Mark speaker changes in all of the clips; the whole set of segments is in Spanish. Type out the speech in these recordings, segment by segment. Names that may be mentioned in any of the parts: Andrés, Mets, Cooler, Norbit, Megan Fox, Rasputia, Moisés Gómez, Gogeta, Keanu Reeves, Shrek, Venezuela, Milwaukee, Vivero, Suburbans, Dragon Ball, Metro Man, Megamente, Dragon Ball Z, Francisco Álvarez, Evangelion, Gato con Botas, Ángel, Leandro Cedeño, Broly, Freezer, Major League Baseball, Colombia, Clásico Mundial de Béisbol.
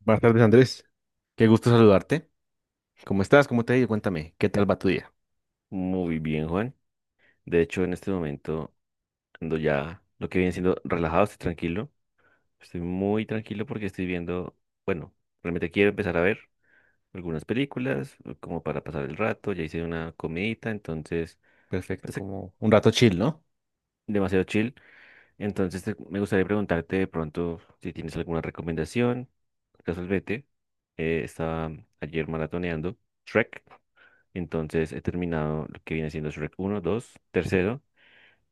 Speaker 1: Buenas tardes, Andrés. Qué gusto saludarte. ¿Cómo estás? ¿Cómo te ha ido? Cuéntame, ¿qué tal va tu día?
Speaker 2: Muy bien, Juan. De hecho, en este momento ando ya lo que viene siendo relajado, estoy tranquilo. Estoy muy tranquilo porque estoy viendo, bueno, realmente quiero empezar a ver algunas películas como para pasar el rato. Ya hice una comidita, entonces,
Speaker 1: Perfecto,
Speaker 2: pues,
Speaker 1: como un rato chill, ¿no?
Speaker 2: demasiado chill. Entonces, me gustaría preguntarte de pronto si tienes alguna recomendación. Casualmente, estaba ayer maratoneando Shrek. Entonces, he terminado lo que viene siendo Shrek uno dos tercero.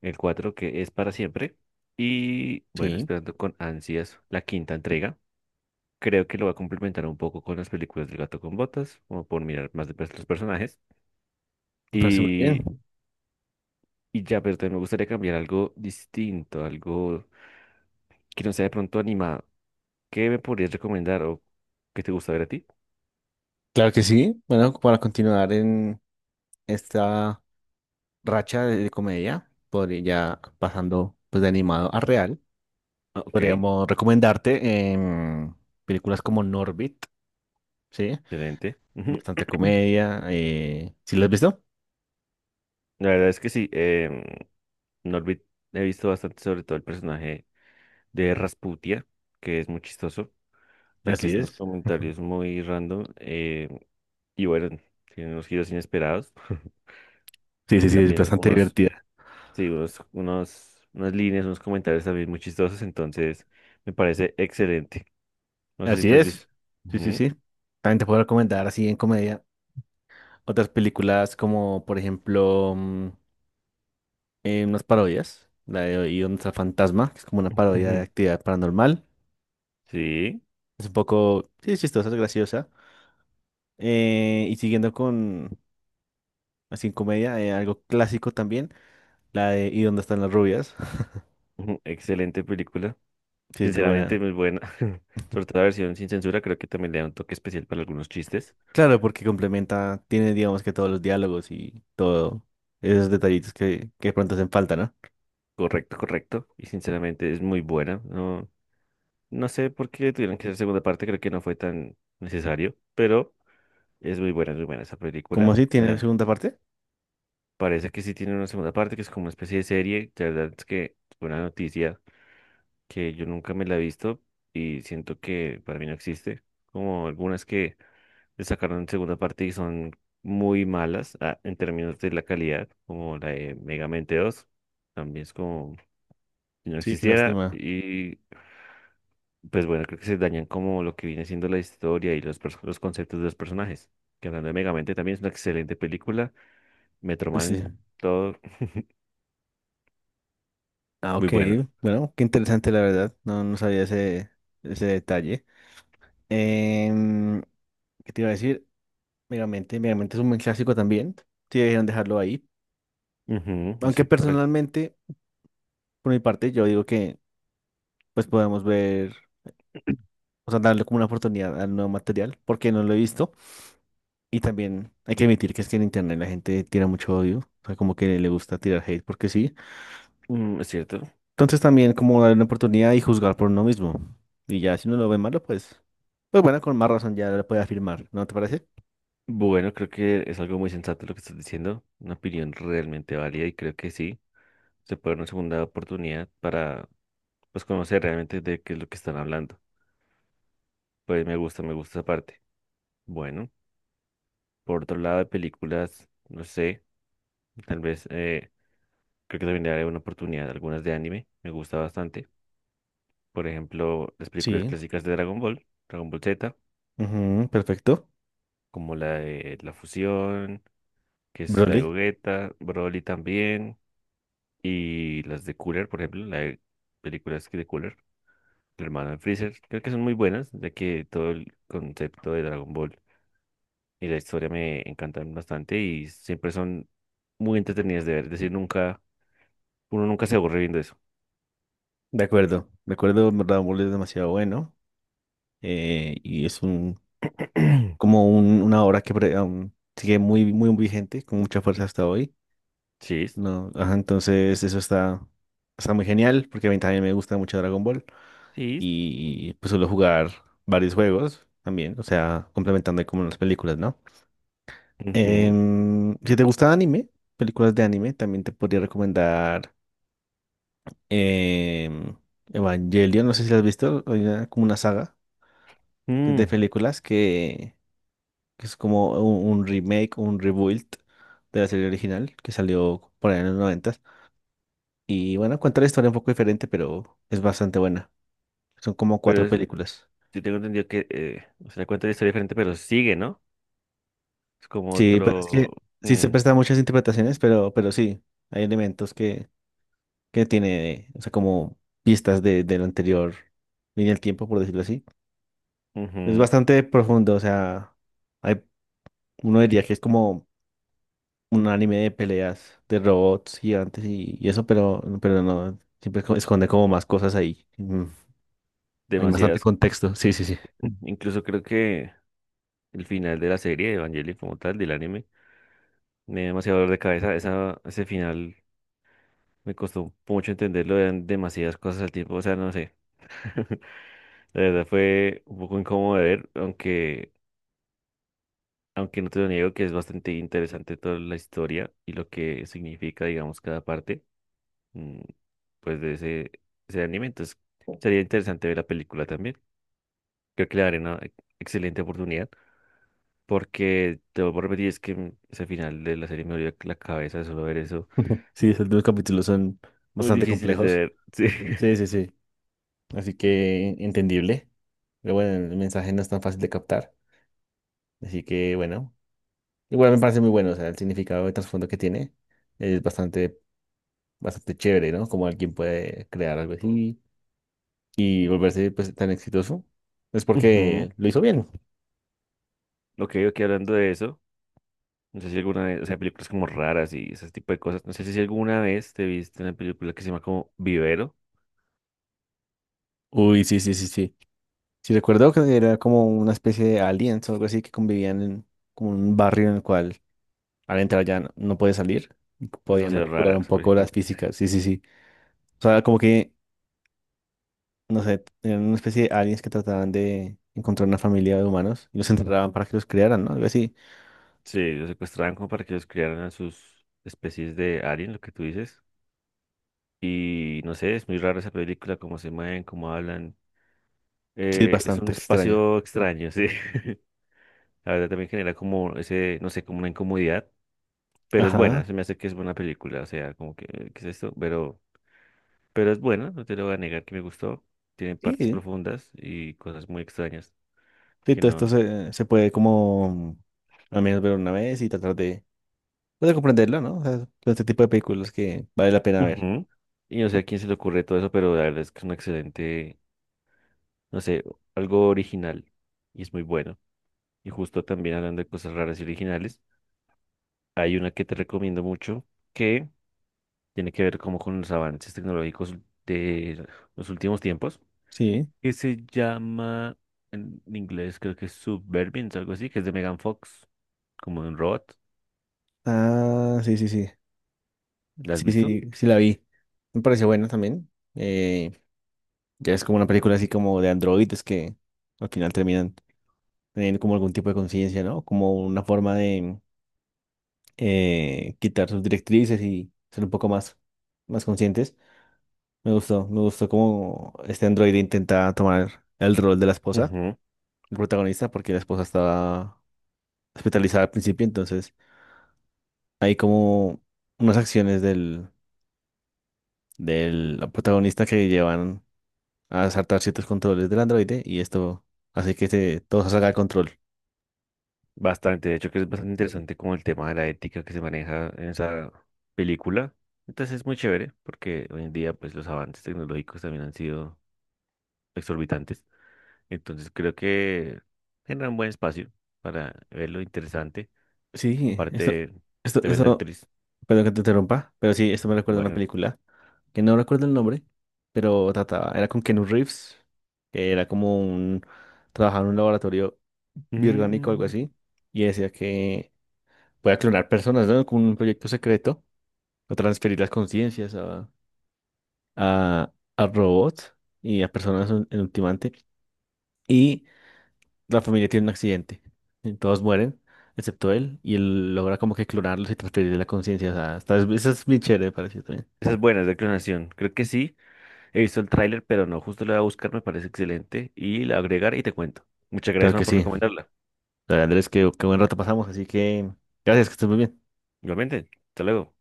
Speaker 2: El 4 que es para siempre. Y bueno,
Speaker 1: Sí,
Speaker 2: esperando con ansias la quinta entrega. Creo que lo va a complementar un poco con las películas del Gato con Botas, como por mirar más de perto los personajes.
Speaker 1: me parece muy bien.
Speaker 2: Y, y ya, pero también me gustaría cambiar algo distinto, algo que no sea de pronto animado. ¿Qué me podrías recomendar o qué te gusta ver a ti?
Speaker 1: Claro que sí. Bueno, para continuar en esta racha de comedia, podría ya pasando pues de animado a real,
Speaker 2: Ah, ok,
Speaker 1: podríamos recomendarte películas como Norbit, ¿sí?
Speaker 2: excelente. Ujú.
Speaker 1: Bastante comedia. ¿Sí la has visto?
Speaker 2: La verdad es que sí, no olvid- he visto bastante sobre todo el personaje de Rasputia, que es muy chistoso. Ya que
Speaker 1: Así
Speaker 2: es unos
Speaker 1: es.
Speaker 2: comentarios muy random, y bueno, tiene unos giros inesperados.
Speaker 1: Sí, sí,
Speaker 2: Y
Speaker 1: sí, es
Speaker 2: también
Speaker 1: bastante
Speaker 2: unos,
Speaker 1: divertida.
Speaker 2: sí, unas líneas, unos comentarios también muy chistosos, entonces me parece excelente. No sé si
Speaker 1: Así
Speaker 2: te has visto.
Speaker 1: es. Sí, sí,
Speaker 2: Ujú.
Speaker 1: sí. También te puedo recomendar así en comedia. Otras películas como, por ejemplo, unas parodias, la de Y dónde está el fantasma, que es como una parodia de actividad paranormal.
Speaker 2: Sí,
Speaker 1: Es un poco, sí, es chistosa, es graciosa. Y siguiendo con así en comedia, algo clásico también, la de ¿Y dónde están las rubias?
Speaker 2: ujú, excelente película.
Speaker 1: Sí, es muy
Speaker 2: Sinceramente,
Speaker 1: buena.
Speaker 2: muy buena. Sobre todo la versión sin censura, creo que también le da un toque especial para algunos chistes.
Speaker 1: Claro, porque complementa, tiene, digamos que todos los diálogos y todo, esos detallitos que de pronto hacen falta, ¿no?
Speaker 2: Correcto, correcto. Y sinceramente es muy buena, ¿no? No sé por qué tuvieron que hacer segunda parte, creo que no fue tan necesario, pero es muy buena esa
Speaker 1: Como
Speaker 2: película.
Speaker 1: así, tiene segunda parte.
Speaker 2: Parece que sí tiene una segunda parte, que es como una especie de serie. La verdad es que fue una noticia que yo nunca me la he visto y siento que para mí no existe. Como algunas que le sacaron segunda parte y son muy malas, ah, en términos de la calidad, como la de Megamente dos, también es como si no
Speaker 1: Sí, qué
Speaker 2: existiera.
Speaker 1: lástima.
Speaker 2: Y pues bueno, creo que se dañan como lo que viene siendo la historia y los, los conceptos de los personajes. Que hablando de Megamente también es una excelente película. Metro
Speaker 1: Sí.
Speaker 2: Man, todo
Speaker 1: Ah,
Speaker 2: muy
Speaker 1: ok.
Speaker 2: bueno.
Speaker 1: Bueno, qué interesante la verdad. No, no sabía ese detalle. Em, ¿Qué te iba a decir? Megamente, Megamente es un buen clásico también. Sí, debieron dejarlo ahí.
Speaker 2: Ujú, no
Speaker 1: Aunque
Speaker 2: sé.
Speaker 1: personalmente, por mi parte, yo digo que pues podemos ver, o sea, darle como una oportunidad al nuevo material, porque no lo he visto. Y también hay que admitir que es que en internet la gente tira mucho odio. O sea, como que le gusta tirar hate porque sí.
Speaker 2: Es cierto.
Speaker 1: Entonces también como darle una oportunidad y juzgar por uno mismo. Y ya si uno lo ve malo, pues, pues bueno, con más razón ya lo puede afirmar, ¿no te parece?
Speaker 2: Bueno, creo que es algo muy sensato lo que estás diciendo. Una opinión realmente válida y creo que sí. Se puede dar una segunda oportunidad para pues conocer realmente de qué es lo que están hablando. Pues me gusta esa parte. Bueno, por otro lado de películas, no sé, tal vez, creo que también le daré una oportunidad a algunas. De anime me gusta bastante. Por ejemplo, las películas
Speaker 1: Sí.
Speaker 2: clásicas de Dragon Ball, Dragon Ball Z,
Speaker 1: Ujú, perfecto.
Speaker 2: como la de La Fusión, que es la de
Speaker 1: Broly.
Speaker 2: Gogeta, Broly también, y las de Cooler, por ejemplo, la de películas que de Cooler, el hermano de Freezer. Creo que son muy buenas, ya que todo el concepto de Dragon Ball y la historia me encantan bastante y siempre son muy entretenidas de ver. Es decir, nunca, uno nunca se aburre viendo eso.
Speaker 1: De acuerdo. De acuerdo, en verdad, Broly es demasiado bueno. Y es un una obra que aún sigue muy, muy vigente, con mucha fuerza hasta hoy.
Speaker 2: Sí,
Speaker 1: No, ajá, entonces está muy genial porque a mí también me gusta mucho Dragon Ball
Speaker 2: sí.
Speaker 1: y pues suelo jugar varios juegos también, o sea, complementando ahí como las películas, ¿no?
Speaker 2: Ujú.
Speaker 1: Si te gusta anime, películas de anime, también te podría recomendar em, Evangelion, no sé si la has visto, hay como una saga que es de
Speaker 2: Mm.
Speaker 1: películas que es como un remake, un rebuild de la serie original que salió por ahí en los 90. Y bueno, cuenta la historia un poco diferente, pero es bastante buena. Son como
Speaker 2: Pero
Speaker 1: cuatro películas.
Speaker 2: yo tengo entendido que, o sea, cuenta la historia diferente, pero sigue, ¿no? Es como
Speaker 1: Sí, pero es
Speaker 2: otro.
Speaker 1: que sí se
Speaker 2: Mm.
Speaker 1: prestan muchas interpretaciones, pero sí, hay elementos que tiene, o sea, como pistas de la anterior línea del tiempo, por decirlo así. Es
Speaker 2: Ujú.
Speaker 1: bastante profundo, o sea, hay, uno diría que es como un anime de peleas de robots gigantes y eso, pero no, siempre esconde como más cosas ahí. Mm, hay bastante
Speaker 2: Demasiadas.
Speaker 1: contexto, sí, sí, sí.
Speaker 2: Mm. Incluso creo que el final de la serie de Evangelion como tal, del anime, me dio demasiado dolor de cabeza. Esa, ese final me costó mucho entenderlo, eran demasiadas cosas al tiempo, o sea, no sé. La verdad fue un poco incómodo de ver, aunque, aunque no te lo niego que es bastante interesante toda la historia y lo que significa, digamos, cada parte. Mm, pues de ese, ese anime. Entonces, sería interesante ver la película también. Creo que le daré una excelente oportunidad porque te voy a repetir, es que ese final de la serie me dolió la cabeza de solo ver eso.
Speaker 1: Sí,
Speaker 2: Uh,
Speaker 1: esos dos capítulos son
Speaker 2: Muy
Speaker 1: bastante
Speaker 2: difíciles de
Speaker 1: complejos.
Speaker 2: ver, sí.
Speaker 1: Sí, sí, sí. Así que entendible. Pero bueno, el mensaje no es tan fácil de captar. Así que bueno, igual me parece muy bueno. O sea, el significado de trasfondo que tiene es bastante, bastante chévere, ¿no? Como alguien puede crear algo así y volverse pues, tan exitoso. Es
Speaker 2: Ujú.
Speaker 1: porque lo hizo bien.
Speaker 2: Ok, ok, hablando de eso, no sé si alguna vez, o sea, películas como raras y ese tipo de cosas, no sé si alguna vez te viste una película que se llama como Vivero,
Speaker 1: Uy, sí, sí, sí, sí. Sí, recuerdo que era como una especie de aliens o algo así que convivían en como un barrio en el cual al entrar ya no puede salir.
Speaker 2: es
Speaker 1: Podían
Speaker 2: demasiado
Speaker 1: manipular
Speaker 2: rara
Speaker 1: un
Speaker 2: esa
Speaker 1: poco
Speaker 2: película.
Speaker 1: las físicas, sí, sí, sí. O sea, como que, no sé, eran una especie de aliens que trataban de encontrar una familia de humanos y los enterraban para que los criaran, ¿no? Algo así.
Speaker 2: Sí, los secuestraban como para que los criaran a sus especies de alien, lo que tú dices. Y no sé, es muy raro esa película, cómo se mueven, cómo hablan.
Speaker 1: Sí,
Speaker 2: Es un
Speaker 1: bastante extraño.
Speaker 2: espacio extraño, sí. La verdad también genera como ese, no sé, como una incomodidad, pero es buena,
Speaker 1: Ajá.
Speaker 2: se me hace que es buena película, o sea, como que, ¿qué es esto? Pero es buena, no te lo voy a negar que me gustó. Tiene partes
Speaker 1: Sí,
Speaker 2: profundas y cosas muy extrañas
Speaker 1: sí,
Speaker 2: que
Speaker 1: todo
Speaker 2: no.
Speaker 1: se puede como al menos ver una vez y tratar pues, de comprenderlo, ¿no? O sea, todo este tipo de películas que vale la pena ver.
Speaker 2: Ujú. Y no sé a quién se le ocurre todo eso, pero la verdad es que es un excelente, no sé, algo original y es muy bueno. Y justo también hablando de cosas raras y originales. Hay una que te recomiendo mucho que tiene que ver como con los avances tecnológicos de los últimos tiempos,
Speaker 1: Sí.
Speaker 2: que se llama en inglés creo que es Suburbans, algo así, que es de Megan Fox, como de un robot.
Speaker 1: Ah, sí, sí, sí.
Speaker 2: ¿La has
Speaker 1: Sí,
Speaker 2: visto?
Speaker 1: sí, sí la vi. Me pareció buena también. Ya es como una película así como de androides que al final terminan teniendo como algún tipo de conciencia, ¿no? Como una forma de quitar sus directrices y ser un poco más, más conscientes. Me gustó cómo este androide intenta tomar el rol de la esposa,
Speaker 2: Ujú,
Speaker 1: el protagonista, porque la esposa estaba hospitalizada al principio, entonces hay como unas acciones del protagonista que llevan a saltar ciertos controles del androide y esto hace todo se salga de control.
Speaker 2: bastante, de hecho que es bastante interesante como el tema de la ética que se maneja en esa película. Entonces es muy chévere porque hoy en día pues los avances tecnológicos también han sido exorbitantes. Entonces creo que genera un buen espacio para verlo interesante.
Speaker 1: Sí,
Speaker 2: Aparte,
Speaker 1: esto,
Speaker 2: tremenda
Speaker 1: eso,
Speaker 2: actriz.
Speaker 1: perdón que te interrumpa, pero sí, esto me recuerda a una
Speaker 2: Bueno.
Speaker 1: película que no recuerdo el nombre, pero trataba, era con Keanu Reeves, que era como trabajaba en un laboratorio biorgánico o algo
Speaker 2: Mm,
Speaker 1: así, y decía que podía clonar personas, ¿no? Con un proyecto secreto, o transferir las conciencias a, a robots y a personas en ultimante. Y la familia tiene un accidente y todos mueren, excepto él, y él logra como que clonarlos y transferirle la conciencia. O sea, está, eso es bien chévere, me pareció también.
Speaker 2: Esa es buena, es de clonación. Creo que sí. He visto el tráiler, pero no, justo la voy a buscar, me parece excelente. Y la agregar y te cuento. Muchas
Speaker 1: Claro
Speaker 2: gracias,
Speaker 1: que
Speaker 2: man, por
Speaker 1: sí.
Speaker 2: recomendarla.
Speaker 1: O Andrés, qué buen rato pasamos, así que gracias, que estés muy bien.
Speaker 2: Igualmente, hasta luego.